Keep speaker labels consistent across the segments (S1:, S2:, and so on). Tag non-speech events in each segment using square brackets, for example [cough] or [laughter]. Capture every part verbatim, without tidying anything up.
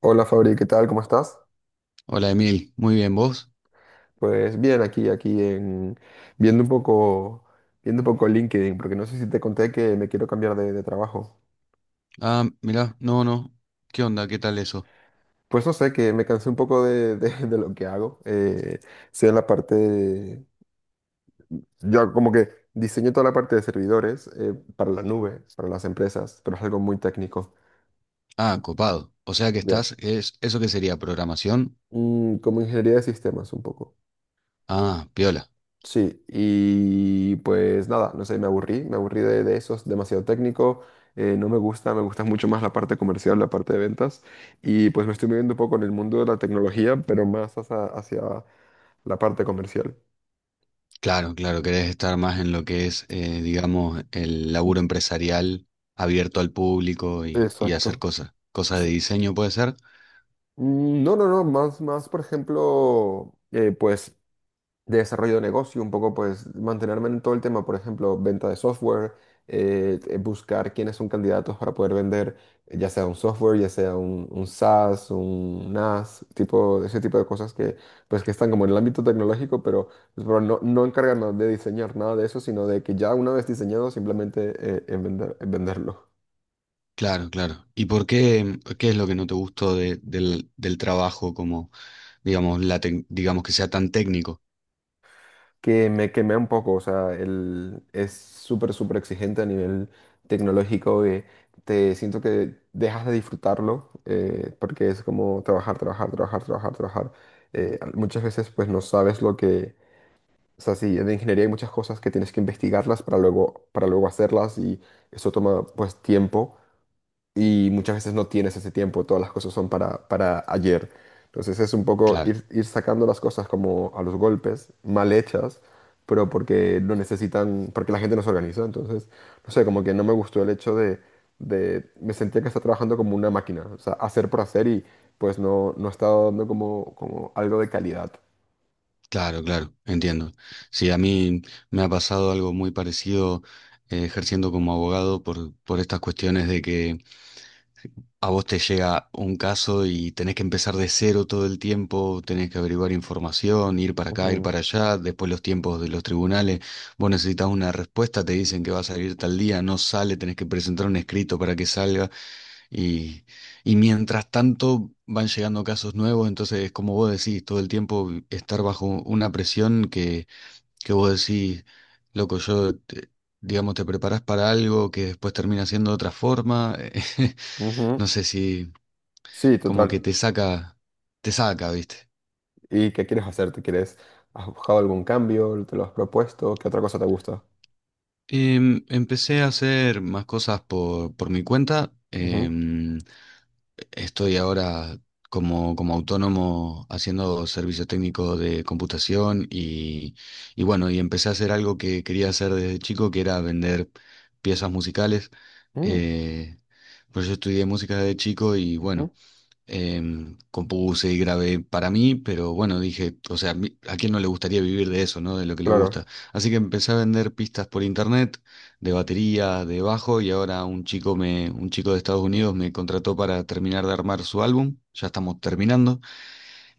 S1: Hola Fabri, ¿qué tal? ¿Cómo estás?
S2: Hola Emil, muy bien, ¿vos?
S1: Pues bien, aquí, aquí en viendo un poco, viendo un poco LinkedIn, porque no sé si te conté que me quiero cambiar de, de trabajo.
S2: Ah, mirá, no, no. ¿Qué onda? ¿Qué tal eso?
S1: Pues no sé, que me cansé un poco de, de- [laughs] de lo que hago. Eh, sea en la parte, de- yo como que diseño toda la parte de servidores eh, para la nube, para las empresas, pero es algo muy técnico.
S2: Ah, copado. O sea que
S1: Ya.
S2: estás, es, ¿eso qué sería? ¿Programación?
S1: Mm, como ingeniería de sistemas un poco.
S2: Ah, piola.
S1: Sí, y pues nada, no sé, me aburrí, me aburrí de, de eso, es demasiado técnico, eh, no me gusta, me gusta mucho más la parte comercial, la parte de ventas, y pues me estoy moviendo un poco en el mundo de la tecnología, pero más hacia, hacia la parte comercial.
S2: Claro, claro, querés estar más en lo que es, eh, digamos, el laburo empresarial abierto al público y, y hacer
S1: Exacto.
S2: cosas. Cosas de
S1: Es-
S2: diseño puede ser.
S1: Mm, no, no, no, más, más, por ejemplo, eh, pues de desarrollo de negocio, un poco pues mantenerme en todo el tema, por ejemplo, venta de software, eh, eh, buscar quiénes son candidatos para poder vender, eh, ya sea un software, ya sea un, un, SaaS, un N A S, tipo, ese tipo de cosas que pues que están como en el ámbito tecnológico, pero, pues, pero no, no encargarnos de diseñar nada de eso, sino de que ya una vez diseñado, simplemente eh, en vender, en venderlo.
S2: Claro, claro. ¿Y por qué, qué es lo que no te gustó de- del, del trabajo como, digamos, la tec- digamos que sea tan técnico?
S1: Que me quemé un poco, o sea, el, es súper, súper exigente a nivel tecnológico, que te siento que dejas de disfrutarlo, eh, porque es como trabajar, trabajar, trabajar, trabajar, trabajar. Eh, al- muchas veces pues no sabes lo que, o sea, sí, en ingeniería hay muchas cosas que tienes que investigarlas para luego, para luego hacerlas y eso toma pues tiempo y muchas veces no tienes ese tiempo, todas las cosas son para, para ayer. Entonces es un poco
S2: Claro.
S1: ir, ir sacando las cosas como a los golpes, mal hechas, pero porque no necesitan, porque la gente no se organiza. Entonces, no sé, como que no me gustó el hecho de, de me sentía que estaba trabajando como una máquina, o sea, hacer por hacer y pues no, no estaba dando como, como algo de calidad.
S2: Claro, claro, entiendo. Sí, a mí me ha pasado algo muy parecido eh, ejerciendo como abogado por, por estas cuestiones de que a vos te llega un caso y tenés que empezar de cero todo el tiempo, tenés que averiguar información, ir para acá, ir
S1: Ujú,
S2: para allá, después los tiempos de los tribunales, vos necesitas una respuesta, te dicen que va a salir tal día, no sale, tenés que presentar un escrito para que salga y, y mientras tanto van llegando casos nuevos, entonces como vos decís, todo el tiempo estar bajo una presión que que vos decís, loco, yo, te- digamos, te preparás para algo que después termina siendo de otra forma. [laughs]
S1: ujú.
S2: No sé si
S1: Sí,
S2: como
S1: total.
S2: que te saca, te saca, ¿viste?
S1: ¿Y qué quieres hacer? ¿Te quieres, has buscado algún cambio? ¿Te lo has propuesto? ¿Qué otra cosa te gusta?
S2: Em, empecé a hacer más cosas por, por mi cuenta.
S1: Ujú.
S2: Em, Estoy ahora como, como autónomo haciendo servicio técnico de computación y, y bueno, y empecé a hacer algo que quería hacer desde chico, que era vender piezas musicales.
S1: Mm.
S2: Eh, pues yo estudié música desde chico y bueno,
S1: Ujú,
S2: em, compuse y grabé para mí, pero bueno, dije, o sea, mi- ¿a quién no le gustaría vivir de eso, ¿no? De lo que le gusta.
S1: claro.
S2: Así que empecé a vender pistas por internet, de batería, de bajo, y ahora un chico me, un chico de Estados Unidos me contrató para terminar de armar su álbum. Ya estamos terminando.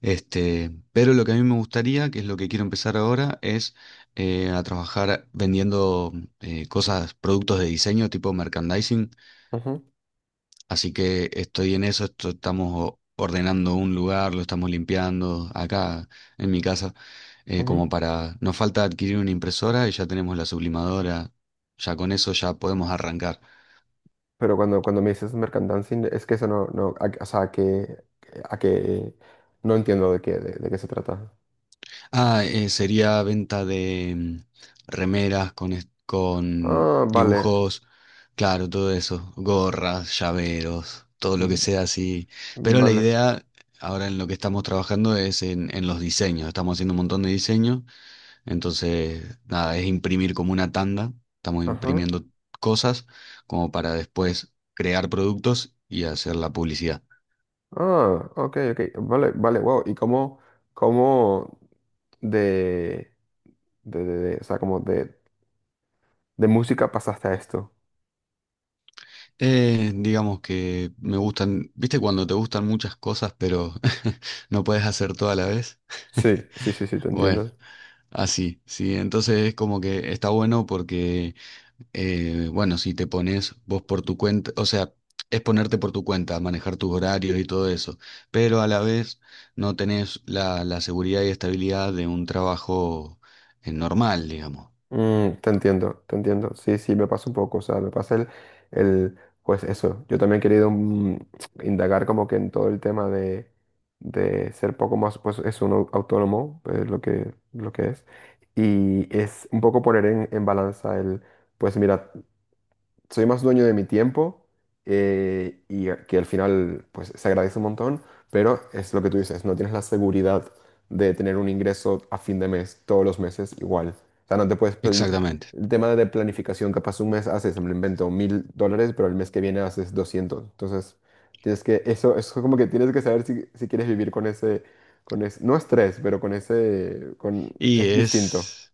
S2: Este, pero lo que a mí me gustaría, que es lo que quiero empezar ahora, es eh, a trabajar vendiendo eh, cosas, productos de diseño tipo merchandising.
S1: Ujú,
S2: Así que estoy en eso, esto- estamos o- ordenando un lugar, lo estamos limpiando acá en mi casa, eh,
S1: ujú.
S2: como para... Nos falta adquirir una impresora y ya tenemos la sublimadora, ya con eso ya podemos arrancar.
S1: Pero cuando, cuando me dices mercant es que eso no, no, a- o sea, que, a que no entiendo de qué, de, de qué se trata.
S2: Ah, eh, sería venta de mm, remeras con, est- con
S1: Ah, vale,
S2: dibujos, claro, todo eso, gorras, llaveros, todo lo que
S1: mm,
S2: sea así. Pero la
S1: vale,
S2: idea ahora en lo que estamos trabajando es en, en los diseños, estamos haciendo un montón de diseños. Entonces, nada, es imprimir como una tanda. Estamos
S1: ajá.
S2: imprimiendo cosas como para después crear productos y hacer la publicidad.
S1: Ah, ok, ok, vale, vale, wow. ¿Y cómo, cómo de, de, de- de- o sea, como de, de música pasaste a esto?
S2: Eh, digamos que me gustan, viste cuando te gustan muchas cosas, pero [laughs] no puedes hacer todo a la vez.
S1: Sí,
S2: [laughs]
S1: sí, sí, sí, te
S2: Bueno,
S1: entiendo.
S2: así, sí. Entonces es como que está bueno porque Eh, bueno, si te pones vos por tu cuenta, o sea, es ponerte por tu cuenta, manejar tus horarios y todo eso, pero a la vez no tenés la, la seguridad y estabilidad de un trabajo eh, normal, digamos.
S1: Mm, te entiendo, te entiendo. Sí, sí, me pasa un poco. O sea, me pasa el, el, pues eso. Yo también he querido mm, [tsk] indagar como que en todo el tema de, de ser poco más, pues es un au- autónomo, pues, lo que, lo que es. Y es un poco poner en, en balanza el, pues mira, soy más dueño de mi tiempo eh, y a- que al final pues se agradece un montón, pero es lo que tú dices, no tienes la seguridad de tener un ingreso a fin de mes, todos los meses igual. O sea, no te puedes plani-
S2: Exactamente.
S1: el tema de planificación, capaz un mes haces, me lo invento, mil dólares, pero el mes que viene haces doscientos. Entonces, tienes que, eso, eso como que tienes que saber si, si quieres vivir con ese, con ese, no estrés, pero con ese, con,
S2: Y
S1: es distinto.
S2: es,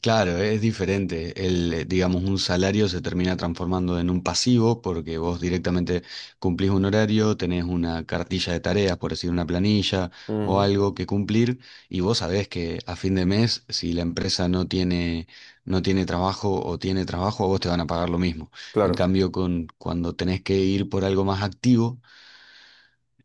S2: claro, es diferente. El, eh, digamos, un salario se termina transformando en un pasivo porque vos directamente cumplís un horario, tenés una cartilla de tareas, por decir una planilla o
S1: Ujú,
S2: algo que cumplir, y vos sabés que a fin de mes, si la empresa no tiene, no tiene trabajo o tiene trabajo, a vos te van a pagar lo mismo. En
S1: claro.
S2: cambio, con, cuando tenés que ir por algo más activo,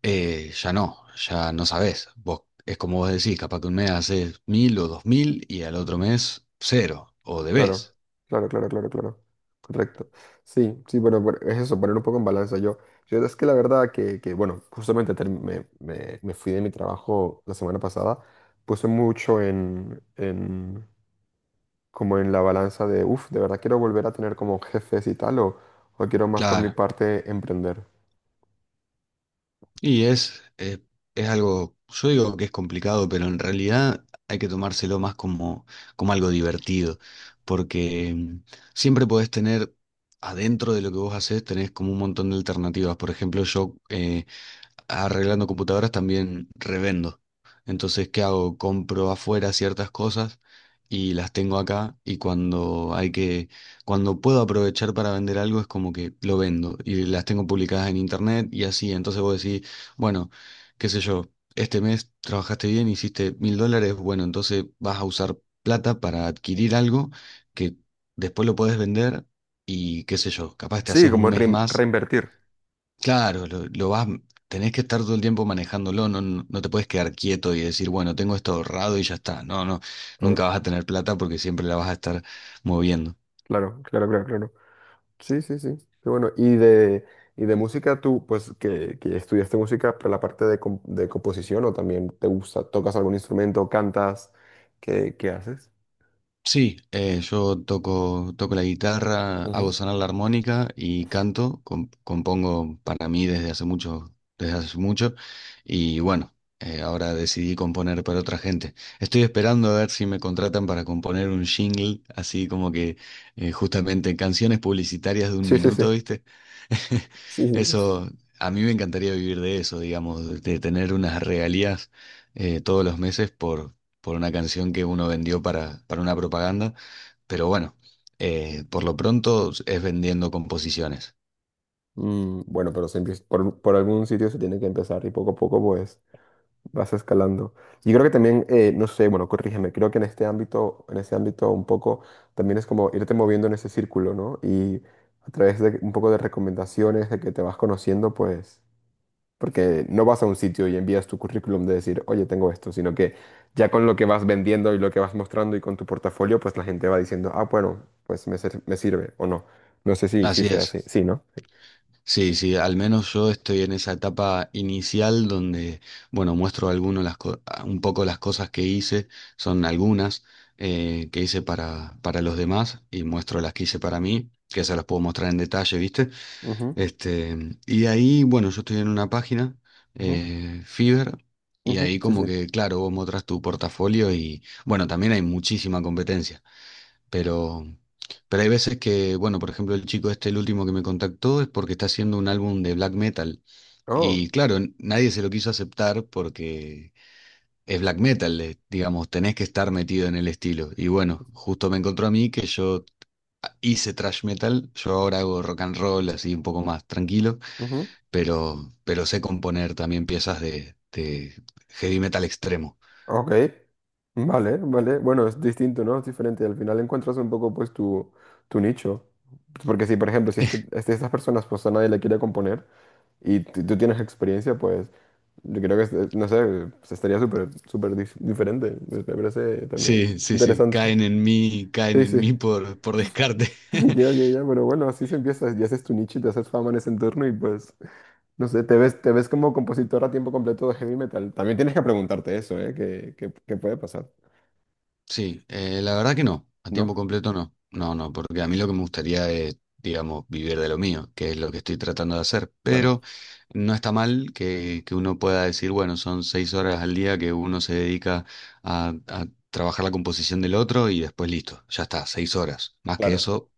S2: eh, ya no, ya no sabés. Vos, es como vos decís, capaz que un mes haces mil o dos mil y al otro mes cero, o
S1: Claro,
S2: debés.
S1: claro, claro, claro, claro. Correcto. Sí, sí, bueno, por- es eso, poner un poco en balanza. Yo, yo es que la verdad que, que, bueno, justamente term- me, me- me fui de mi trabajo la semana pasada, puse mucho en, en- como en la balanza de, uff, de verdad quiero volver a tener como jefes y tal, o, o quiero más por mi
S2: Claro.
S1: parte emprender.
S2: Y es, eh, es algo, yo digo que es complicado, pero en realidad hay que tomárselo más como, como algo divertido, porque mm, siempre podés tener, adentro de lo que vos hacés, tenés como un montón de alternativas. Por ejemplo, yo eh, arreglando computadoras también revendo. Entonces, ¿qué hago? Compro afuera ciertas cosas y las tengo acá y cuando hay que, cuando puedo aprovechar para vender algo es como que lo vendo y las tengo publicadas en internet y así. Entonces vos decís, bueno, qué sé yo, este mes trabajaste bien, hiciste mil dólares, bueno, entonces vas a usar plata para adquirir algo que después lo podés vender y qué sé yo, capaz te
S1: Sí,
S2: haces un
S1: como
S2: mes
S1: rein-
S2: más.
S1: reinvertir.
S2: Claro, lo, lo vas, tenés que estar todo el tiempo manejándolo, no, no, no te puedes quedar quieto y decir, bueno, tengo esto ahorrado y ya está. No, no,
S1: Claro,
S2: nunca vas a tener plata porque siempre la vas a estar moviendo.
S1: claro, claro, claro, claro. Sí, sí, sí. Qué bueno. Y de, y de música, tú, pues, que, que estudiaste música, pero la parte de, com- de composición, o también te gusta, tocas algún instrumento, cantas, ¿qué, qué haces?
S2: Sí, eh, yo toco, toco la guitarra, hago
S1: Ujú.
S2: sonar la armónica y canto, com- compongo para mí desde hace mucho, desde hace mucho, y bueno, eh, ahora decidí componer para otra gente. Estoy esperando a ver si me contratan para componer un jingle, así como que eh, justamente canciones publicitarias de un
S1: Sí, sí, sí.
S2: minuto, ¿viste? [laughs]
S1: Sí, sí, sí.
S2: Eso, a mí me encantaría vivir de eso, digamos, de tener unas regalías eh, todos los meses por una canción que uno vendió para, para una propaganda, pero bueno, eh, por lo pronto es vendiendo composiciones.
S1: Mm, bueno, pero se empieza- por, por algún sitio se tiene que empezar y poco a poco, pues, vas escalando. Y creo que también, eh, no sé, bueno, corrígeme, creo que en este ámbito, en ese ámbito un poco, también es como irte moviendo en ese círculo, ¿no? Y a través de un poco de recomendaciones, de que te vas conociendo, pues. Porque no vas a un sitio y envías tu currículum de decir, oye, tengo esto, sino que ya con lo que vas vendiendo y lo que vas mostrando y con tu portafolio, pues la gente va diciendo, ah, bueno, pues me, sir- me sirve o no. No sé si, si
S2: Así
S1: sea
S2: es.
S1: así. Sí, ¿no? Sí,
S2: Sí, sí, al menos yo estoy en esa etapa inicial donde, bueno, muestro algunos las co- ah, un poco las cosas que hice, son algunas eh, que hice para, para los demás y muestro las que hice para mí, que se las puedo mostrar en detalle, ¿viste?
S1: ujú,
S2: Este, y ahí, bueno, yo estoy en una página,
S1: ujú,
S2: eh, Fiverr, y
S1: ujú,
S2: ahí
S1: sí.
S2: como
S1: Sí.
S2: que, claro, vos mostras tu portafolio y, bueno, también hay muchísima competencia, pero, pero hay veces que, bueno, por ejemplo, el chico este, el último que me contactó, es porque está haciendo un álbum de black metal.
S1: Oh,
S2: Y claro, n- nadie se lo quiso aceptar porque es black metal, eh, digamos, tenés que estar metido en el estilo. Y bueno, justo me encontró a mí que yo hice thrash metal, yo ahora hago rock and roll así un poco más tranquilo
S1: ujú,
S2: pero, pero sé componer también piezas de, de heavy metal extremo.
S1: ok. Vale, vale. Bueno, es distinto, ¿no? Es diferente. Al final encuentras un poco, pues, tu, tu nicho. Porque si, por ejemplo, si este, este- estas personas, pues a nadie le quiere componer y tú tú tienes experiencia, pues... Yo creo que, este- no sé, pues, estaría súper, súper dif- diferente. Me me parece también
S2: Sí, sí, sí,
S1: interesante.
S2: caen en mí, caen
S1: Sí,
S2: en
S1: sí.
S2: mí por, por descarte.
S1: [laughs]
S2: [laughs]
S1: Ya, ya, ya, pero bueno, así se empieza. Ya haces tu nicho y te haces fama en ese entorno y pues, no sé, te ves, te ves como compositor a tiempo completo de heavy metal. También tienes que preguntarte eso, ¿eh? ¿Qué, qué- qué puede pasar?
S2: Sí, eh, la verdad que no, a tiempo
S1: ¿No?
S2: completo no. No, no, porque a mí lo que me gustaría es, digamos, vivir de lo mío, que es lo que estoy tratando de hacer. Pero
S1: Claro,
S2: no está mal que, que uno pueda decir, bueno, son seis horas al día que uno se dedica a, a trabajar la composición del otro y después listo, ya está, seis horas. Más que
S1: claro.
S2: eso,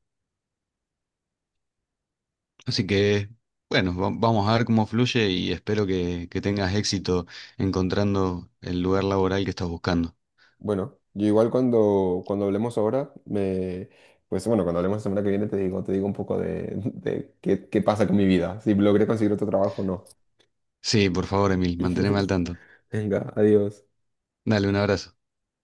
S2: así que, bueno, va- vamos a ver cómo fluye y espero que, que tengas éxito encontrando el lugar laboral que estás buscando.
S1: Bueno, yo igual cuando, cuando hablemos ahora, me... Pues bueno, cuando hablemos la semana que viene te digo, te digo, un poco de, de qué, qué pasa con mi vida, si logré conseguir otro trabajo o no.
S2: Sí, por favor, Emil, manteneme al
S1: [laughs]
S2: tanto.
S1: Venga, adiós.
S2: Dale, un abrazo.